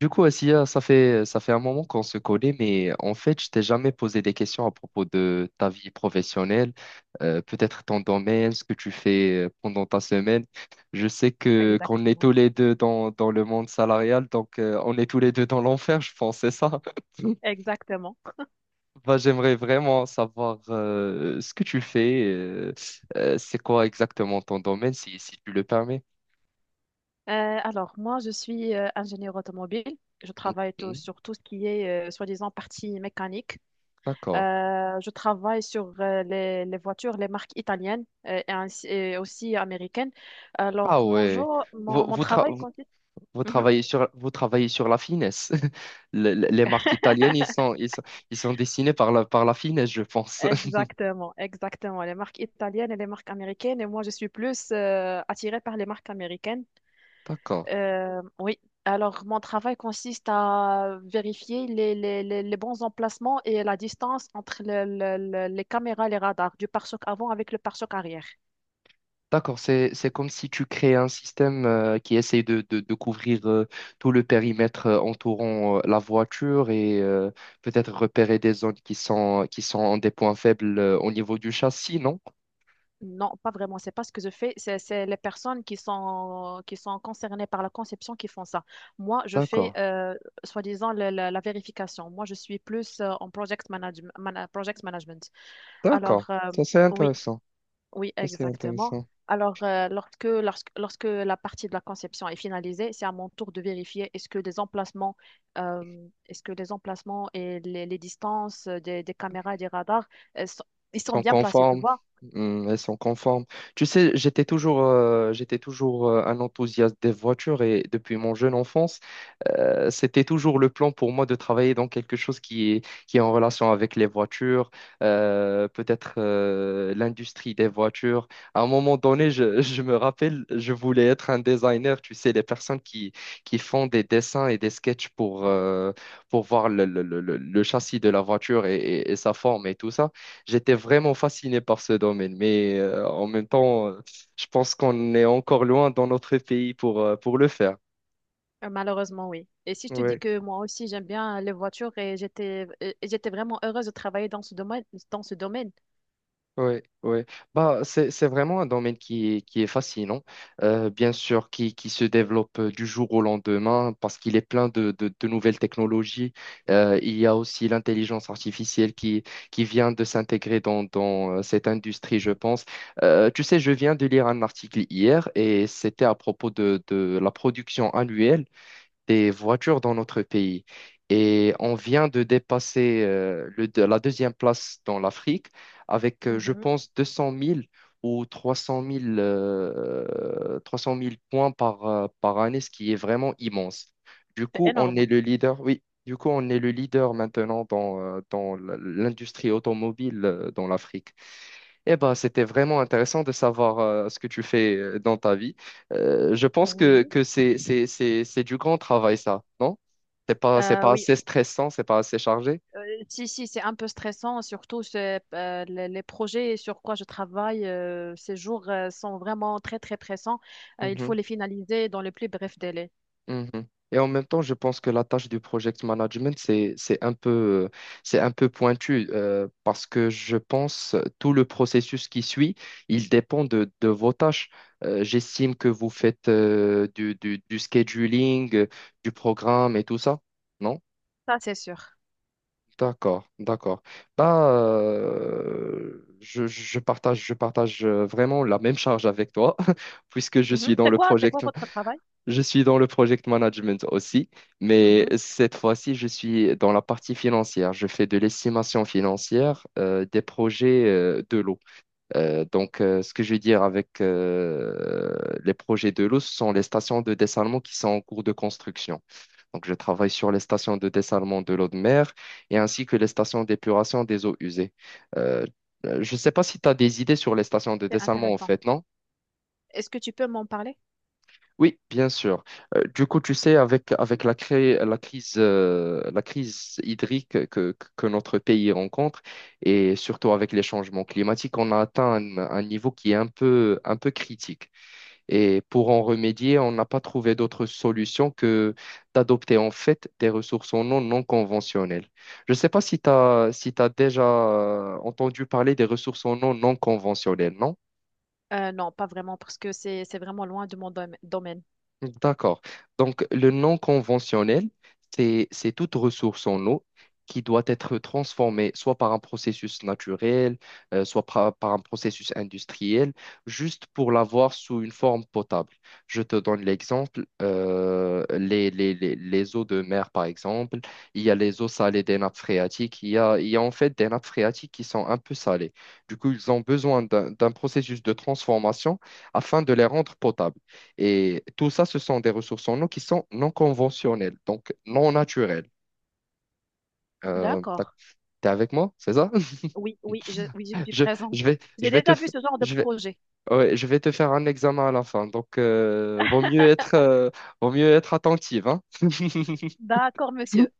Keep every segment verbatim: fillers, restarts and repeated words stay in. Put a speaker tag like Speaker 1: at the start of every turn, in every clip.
Speaker 1: Du coup, Assia, ça fait, ça fait un moment qu'on se connaît, mais en fait, je t'ai jamais posé des questions à propos de ta vie professionnelle, euh, peut-être ton domaine, ce que tu fais euh, pendant ta semaine. Je sais que qu'on est
Speaker 2: Exactement,
Speaker 1: tous les deux dans, dans le monde salarial, donc euh, on est tous les deux dans l'enfer, je pense, c'est ça?
Speaker 2: exactement.
Speaker 1: Bah, j'aimerais vraiment savoir euh, ce que tu fais, euh, euh, c'est quoi exactement ton domaine, si, si tu le permets.
Speaker 2: Euh, alors, moi, je suis euh, ingénieur automobile. Je travaille tout-
Speaker 1: Mhm.
Speaker 2: sur tout ce qui est, euh, soi-disant, partie mécanique.
Speaker 1: D'accord.
Speaker 2: Euh, je travaille sur euh, les, les voitures, les marques italiennes euh, et, ainsi- et aussi américaines. Alors,
Speaker 1: Ah
Speaker 2: mon
Speaker 1: ouais.
Speaker 2: jour,
Speaker 1: Vous,
Speaker 2: mon, mon
Speaker 1: vous, tra-
Speaker 2: travail consiste...
Speaker 1: Vous
Speaker 2: Mhm.
Speaker 1: travaillez sur, vous travaillez sur la finesse. Le- le- Les marques italiennes, ils sont, ils sont, ils sont dessinés par la, par la finesse, je pense.
Speaker 2: Exactement, exactement. Les marques italiennes et les marques américaines. Et moi, je suis plus euh, attirée par les marques américaines.
Speaker 1: D'accord.
Speaker 2: Euh, oui. Alors, mon travail consiste à vérifier les, les- les- les bons emplacements et la distance entre le- le- le- les caméras et les radars du pare-choc avant avec le pare-choc arrière.
Speaker 1: D'accord, c'est, c'est comme si tu crées un système euh, qui essaie de, de, de couvrir euh, tout le périmètre euh, entourant euh, la voiture et euh, peut-être repérer des zones qui sont, qui sont des points faibles euh, au niveau du châssis, non?
Speaker 2: Non, pas vraiment. C'est pas ce que je fais. C'est c'est les personnes qui sont, qui sont concernées par la conception qui font ça. Moi, je fais,
Speaker 1: D'accord.
Speaker 2: euh, soi-disant, le- le- la vérification. Moi, je suis plus euh, en project manage- mana- project management. Alors,
Speaker 1: D'accord.
Speaker 2: euh,
Speaker 1: Ça, c'est
Speaker 2: oui.
Speaker 1: intéressant.
Speaker 2: Oui,
Speaker 1: Ça, c'est
Speaker 2: exactement.
Speaker 1: intéressant.
Speaker 2: Alors, euh, lorsque, lorsque, lorsque la partie de la conception est finalisée, c'est à mon tour de vérifier est-ce que les emplacements, euh, est-ce que les emplacements et les, les distances euh, des, des caméras et des radars, euh, sont- ils sont
Speaker 1: Sont
Speaker 2: bien placés, tu
Speaker 1: conformes.
Speaker 2: vois?
Speaker 1: Hmm, elles sont conformes. Tu sais, j'étais toujours, euh, j'étais toujours euh, un enthousiaste des voitures et depuis mon jeune enfance, euh, c'était toujours le plan pour moi de travailler dans quelque chose qui est, qui est en relation avec les voitures, euh, peut-être euh, l'industrie des voitures. À un moment donné, je, je me rappelle, je voulais être un designer, tu sais, les personnes qui, qui font des dessins et des sketchs pour, euh, pour voir le, le, le, le- le châssis de la voiture et et- et sa forme et tout ça. J'étais vraiment fasciné par ce domaine, mais euh, en même temps, euh, je pense qu'on est encore loin dans notre pays pour, euh, pour le faire.
Speaker 2: Euh, Malheureusement, oui. Et si je te dis
Speaker 1: Ouais.
Speaker 2: que moi aussi, j'aime bien les voitures et j'étais et et j'étais vraiment heureuse de travailler dans ce domaine, dans ce domaine.
Speaker 1: Oui, oui. Bah, c'est, c'est vraiment un domaine qui est, qui est fascinant, euh, bien sûr, qui, qui se développe euh, du jour au lendemain parce qu'il est plein de, de, de nouvelles technologies. Euh, il y a aussi l'intelligence artificielle qui, qui vient de s'intégrer dans, dans euh, cette industrie, je pense. Euh, tu sais, je viens de lire un article hier et c'était à propos de, de la production annuelle des voitures dans notre pays. Et on vient de dépasser euh, le, de- la deuxième place dans l'Afrique avec, euh, je
Speaker 2: Mhm.
Speaker 1: pense, deux cent mille ou trois cent mille, euh, trois cent mille points par, euh, par année, ce qui est vraiment immense. Du
Speaker 2: C'est
Speaker 1: coup, on
Speaker 2: énorme.
Speaker 1: est le leader, oui, du coup, on est le leader maintenant dans, euh, dans l- l'industrie automobile euh, dans l'Afrique. Eh ben, c'était vraiment intéressant de savoir euh, ce que tu fais euh, dans ta vie. Euh, je pense que,
Speaker 2: Oui.
Speaker 1: que c'est, c'est, c'est, c'est du grand travail, ça, non? C'est pas, c'est
Speaker 2: Euh,
Speaker 1: pas
Speaker 2: oui,
Speaker 1: assez stressant, c'est pas assez chargé.
Speaker 2: Euh, Si, si, c'est un peu stressant, surtout c'est, euh, les, les projets sur quoi je travaille euh, ces jours euh, sont vraiment très, très pressants. Euh, il faut
Speaker 1: Mhm,
Speaker 2: les finaliser dans le plus bref délai.
Speaker 1: mhm. Et en même temps, je pense que la tâche du project management, c'est, c'est un peu, euh, c'est un peu pointu euh, parce que je pense tout le processus qui suit, il dépend de, de vos tâches. Euh, j'estime que vous faites euh, du, du, du scheduling, euh, du programme et tout ça, non?
Speaker 2: Ça, c'est sûr.
Speaker 1: D'accord, d'accord. Bah, euh, je, je partage, je partage euh, vraiment la même charge avec toi, puisque je suis
Speaker 2: Mhm.
Speaker 1: dans
Speaker 2: C'est
Speaker 1: le
Speaker 2: quoi, c'est quoi
Speaker 1: project,
Speaker 2: votre travail?
Speaker 1: je suis dans le project management aussi, mais
Speaker 2: Mhm.
Speaker 1: cette fois-ci, je suis dans la partie financière. Je fais de l'estimation financière euh, des projets euh, de l'eau. Euh, donc, euh, ce que je veux dire avec euh, les projets de l'eau, ce sont les stations de dessalement qui sont en cours de construction. Donc, je travaille sur les stations de dessalement de l'eau de mer et ainsi que les stations d'épuration des eaux usées. Euh, euh, je ne sais pas si tu as des idées sur les stations de
Speaker 2: C'est
Speaker 1: dessalement, en
Speaker 2: intéressant.
Speaker 1: fait, non?
Speaker 2: Est-ce que tu peux m'en parler?
Speaker 1: Oui, bien sûr. Euh, du coup, tu sais, avec, avec la, cré- la crise, euh, la crise hydrique que, que notre pays rencontre, et surtout avec les changements climatiques, on a atteint un, un niveau qui est un peu, un peu critique. Et pour en remédier, on n'a pas trouvé d'autre solution que d'adopter en fait des ressources en eau non conventionnelles. Je ne sais pas si tu as, si tu déjà euh, entendu parler des ressources en eau non conventionnelles, non?
Speaker 2: Euh, non, pas vraiment, parce que c'est, c'est vraiment loin de mon dom- domaine.
Speaker 1: D'accord. Donc, le non conventionnel, c'est, c'est toute ressource en eau qui doit être transformée soit par un processus naturel, euh, soit par, par un processus industriel, juste pour l'avoir sous une forme potable. Je te donne l'exemple, euh, les, les, les, les eaux de mer, par exemple, il y a les eaux salées des nappes phréatiques, il y a, il y a en fait des nappes phréatiques qui sont un peu salées. Du coup, ils ont besoin d'un d'un processus de transformation afin de les rendre potables. Et tout ça, ce sont des ressources en eau qui sont non conventionnelles, donc non naturelles. Euh, t'as-
Speaker 2: D'accord.
Speaker 1: T'es avec moi, c'est ça?
Speaker 2: Oui, oui, je, oui, je suis
Speaker 1: Je,
Speaker 2: présente.
Speaker 1: je vais, je
Speaker 2: J'ai
Speaker 1: vais te,
Speaker 2: déjà vu
Speaker 1: f-
Speaker 2: ce genre de
Speaker 1: je vais,
Speaker 2: projet.
Speaker 1: ouais, Je vais te faire un examen à la fin, donc euh, vaut mieux être, euh, vaut mieux être attentive, hein?
Speaker 2: D'accord, monsieur.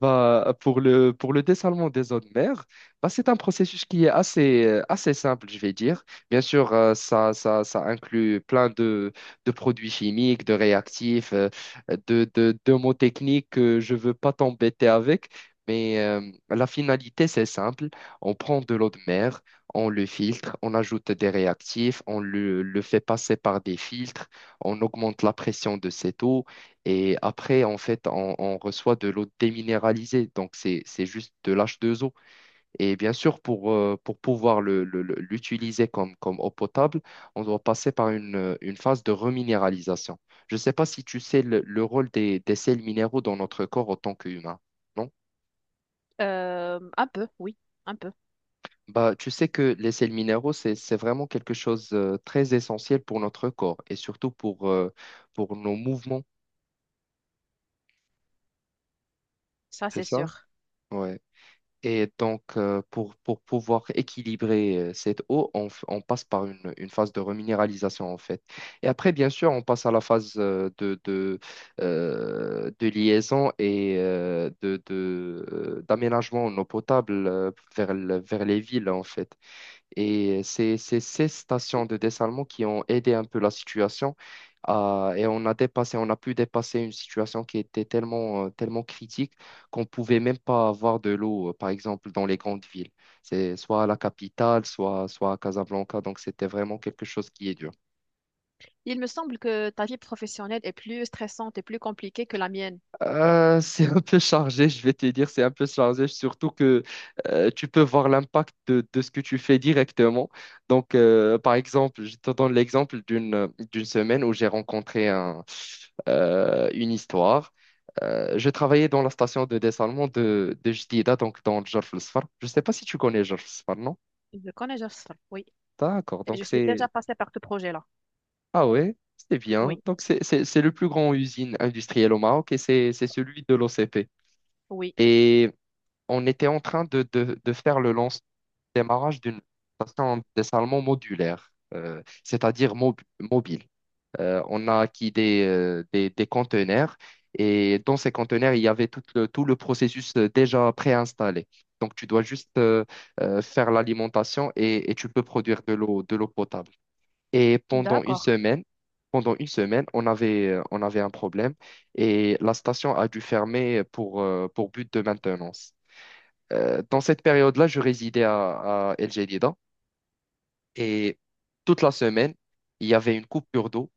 Speaker 1: Bah, pour le, pour le dessalement des eaux de mer, bah, c'est un processus qui est assez, euh, assez simple, je vais dire. Bien sûr, euh, ça, ça, ça inclut plein de, de produits chimiques, de réactifs, euh, de, de, de mots techniques que je ne veux pas t'embêter avec, mais euh, la finalité, c'est simple. On prend de l'eau de mer, on le filtre, on ajoute des réactifs, on le, le fait passer par des filtres, on augmente la pression de cette eau et après, en fait, on, on reçoit de l'eau déminéralisée. Donc, c'est, c'est juste de l'H deux O. Et bien sûr, pour, euh, pour pouvoir le- le- le- l'utiliser comme, comme eau potable, on doit passer par une, euh, une phase de reminéralisation. Je ne sais pas si tu sais le, le rôle des, des sels minéraux dans notre corps en tant qu'humain. Non.
Speaker 2: Euh, un peu, oui, un peu.
Speaker 1: Bah, tu sais que les sels minéraux, c'est, c'est vraiment quelque chose de très essentiel pour notre corps et surtout pour, euh, pour nos mouvements.
Speaker 2: Ça,
Speaker 1: C'est
Speaker 2: c'est
Speaker 1: ça?
Speaker 2: sûr.
Speaker 1: Ouais. Et donc, euh, pour, pour pouvoir équilibrer euh, cette eau, on, f- on passe par une, une phase de reminéralisation, en fait. Et après, bien sûr, on passe à la phase euh, de, de, euh, de liaison et euh, de, de, euh, d'aménagement en eau potable euh, vers, le- vers les villes, en fait. Et c'est c'est ces stations de dessalement qui ont aidé un peu la situation. Euh, et on a dépassé, on a pu dépasser une situation qui était tellement, euh, tellement critique qu'on pouvait même pas avoir de l'eau, euh, par exemple, dans les grandes villes. C'est soit à la capitale, soit, soit à Casablanca. Donc, c'était vraiment quelque chose qui est dur.
Speaker 2: Il me semble que ta vie professionnelle est plus stressante et plus compliquée que la mienne.
Speaker 1: Euh, c'est un peu chargé, je vais te dire, c'est un peu chargé, surtout que euh, tu peux voir l'impact de, de ce que tu fais directement. Donc, euh, par exemple, je te donne l'exemple d'une d'une semaine où j'ai rencontré un, euh, une histoire. Euh, je travaillais dans la station de dessalement de, de Jdida, donc dans Jorf el Sfar. Je ne sais pas si tu connais Jorf el Sfar, non?
Speaker 2: Je connais Jafsar, oui.
Speaker 1: D'accord,
Speaker 2: Et
Speaker 1: donc
Speaker 2: je suis déjà
Speaker 1: c'est...
Speaker 2: passée par ce projet-là.
Speaker 1: Ah ouais, c'est bien.
Speaker 2: Oui,
Speaker 1: Donc, c'est c'est- c'est le plus grand usine industrielle au Maroc et c'est c'est celui de l'O C P.
Speaker 2: oui.
Speaker 1: On était en train de, de, de faire le lance démarrage d'une station dessalement modulaire, euh, c'est-à-dire mob- mobile. Euh, on a acquis des, euh, des, des conteneurs et dans ces conteneurs, il y avait tout le, tout le processus euh, déjà préinstallé. Donc, tu dois juste euh, euh, faire l'alimentation et, et tu peux produire de l'eau, de l'eau potable. Et pendant une
Speaker 2: D'accord.
Speaker 1: semaine, pendant une semaine, on avait, euh, on avait un problème et la station a dû fermer pour, euh, pour but de maintenance. Euh, dans cette période-là, je résidais à, à El Jadida et toute la semaine, il y avait une coupure d'eau.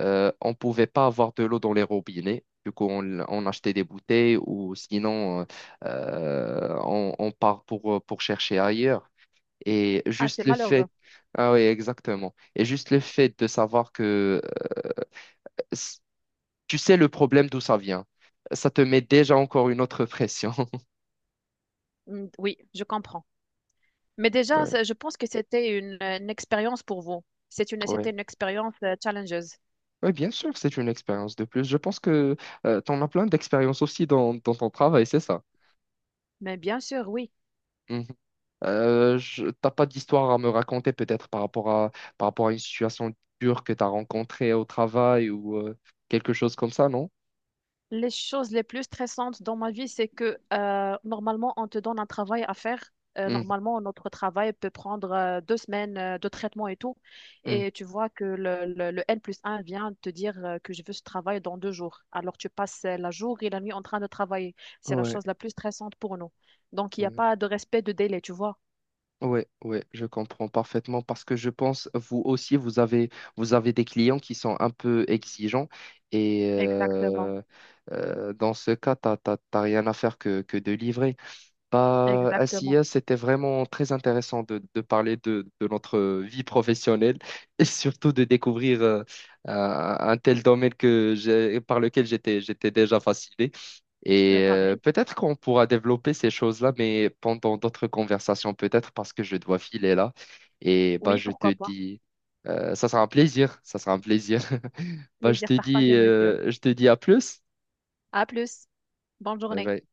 Speaker 1: Euh, on ne pouvait pas avoir de l'eau dans les robinets. Du coup, on, on achetait des bouteilles ou sinon, euh, euh, on, on part pour, pour chercher ailleurs. Et
Speaker 2: Ah, c'est
Speaker 1: juste le
Speaker 2: malheureux.
Speaker 1: fait, ah oui, exactement. Et juste le fait de savoir que euh, s- tu sais le problème d'où ça vient, ça te met déjà encore une autre pression.
Speaker 2: Mm, oui, je comprends. Mais déjà,
Speaker 1: Ouais.
Speaker 2: c'est- je pense que c'était une, euh, une expérience pour vous. C'est une, c'était
Speaker 1: Ouais.
Speaker 2: une expérience euh, challengeuse.
Speaker 1: Oui, bien sûr, c'est une expérience de plus. Je pense que tu en as plein d'expériences aussi dans, dans ton travail, c'est ça.
Speaker 2: Mais bien sûr, oui.
Speaker 1: Mhm. Euh, je- t'as pas d'histoire à me raconter peut-être par rapport à, par rapport à une situation dure que tu as rencontrée au travail ou euh, quelque chose comme ça, non?
Speaker 2: Les choses les plus stressantes dans ma vie, c'est que euh, normalement, on te donne un travail à faire. Euh,
Speaker 1: Mhm,
Speaker 2: normalement, notre travail peut prendre euh, deux semaines euh, de traitement et tout.
Speaker 1: mhm.
Speaker 2: Et tu vois que le, le, le N plus un vient te dire euh, que je veux ce travail dans deux jours. Alors, tu passes euh, la jour et la nuit en train de travailler. C'est la
Speaker 1: Ouais,
Speaker 2: chose la plus stressante pour nous. Donc, il n'y a
Speaker 1: ouais,
Speaker 2: pas de respect de délai, tu vois.
Speaker 1: ouais, ouais, je comprends parfaitement parce que je pense, vous aussi, vous avez, vous avez des clients qui sont un peu exigeants et
Speaker 2: Exactement,
Speaker 1: euh, euh, dans ce cas, t'as, t'as, t'as rien à faire que, que de livrer. Bah, à
Speaker 2: exactement.
Speaker 1: S I A, c'était vraiment très intéressant de, de parler de, de notre vie professionnelle et surtout de découvrir euh, un, un tel domaine que j'ai- par lequel j'étais, j'étais déjà fasciné. Et
Speaker 2: Euh,
Speaker 1: euh,
Speaker 2: pareil.
Speaker 1: peut-être qu'on pourra développer ces choses-là, mais pendant d'autres conversations, peut-être parce que je dois filer là. Et bah,
Speaker 2: Oui,
Speaker 1: je te
Speaker 2: pourquoi pas.
Speaker 1: dis, euh, ça sera un plaisir, ça sera un plaisir. Bah, je
Speaker 2: Plaisir
Speaker 1: te dis,
Speaker 2: partagé, monsieur.
Speaker 1: euh, je te dis à plus.
Speaker 2: À plus. Bonne
Speaker 1: Bye
Speaker 2: journée.
Speaker 1: bye.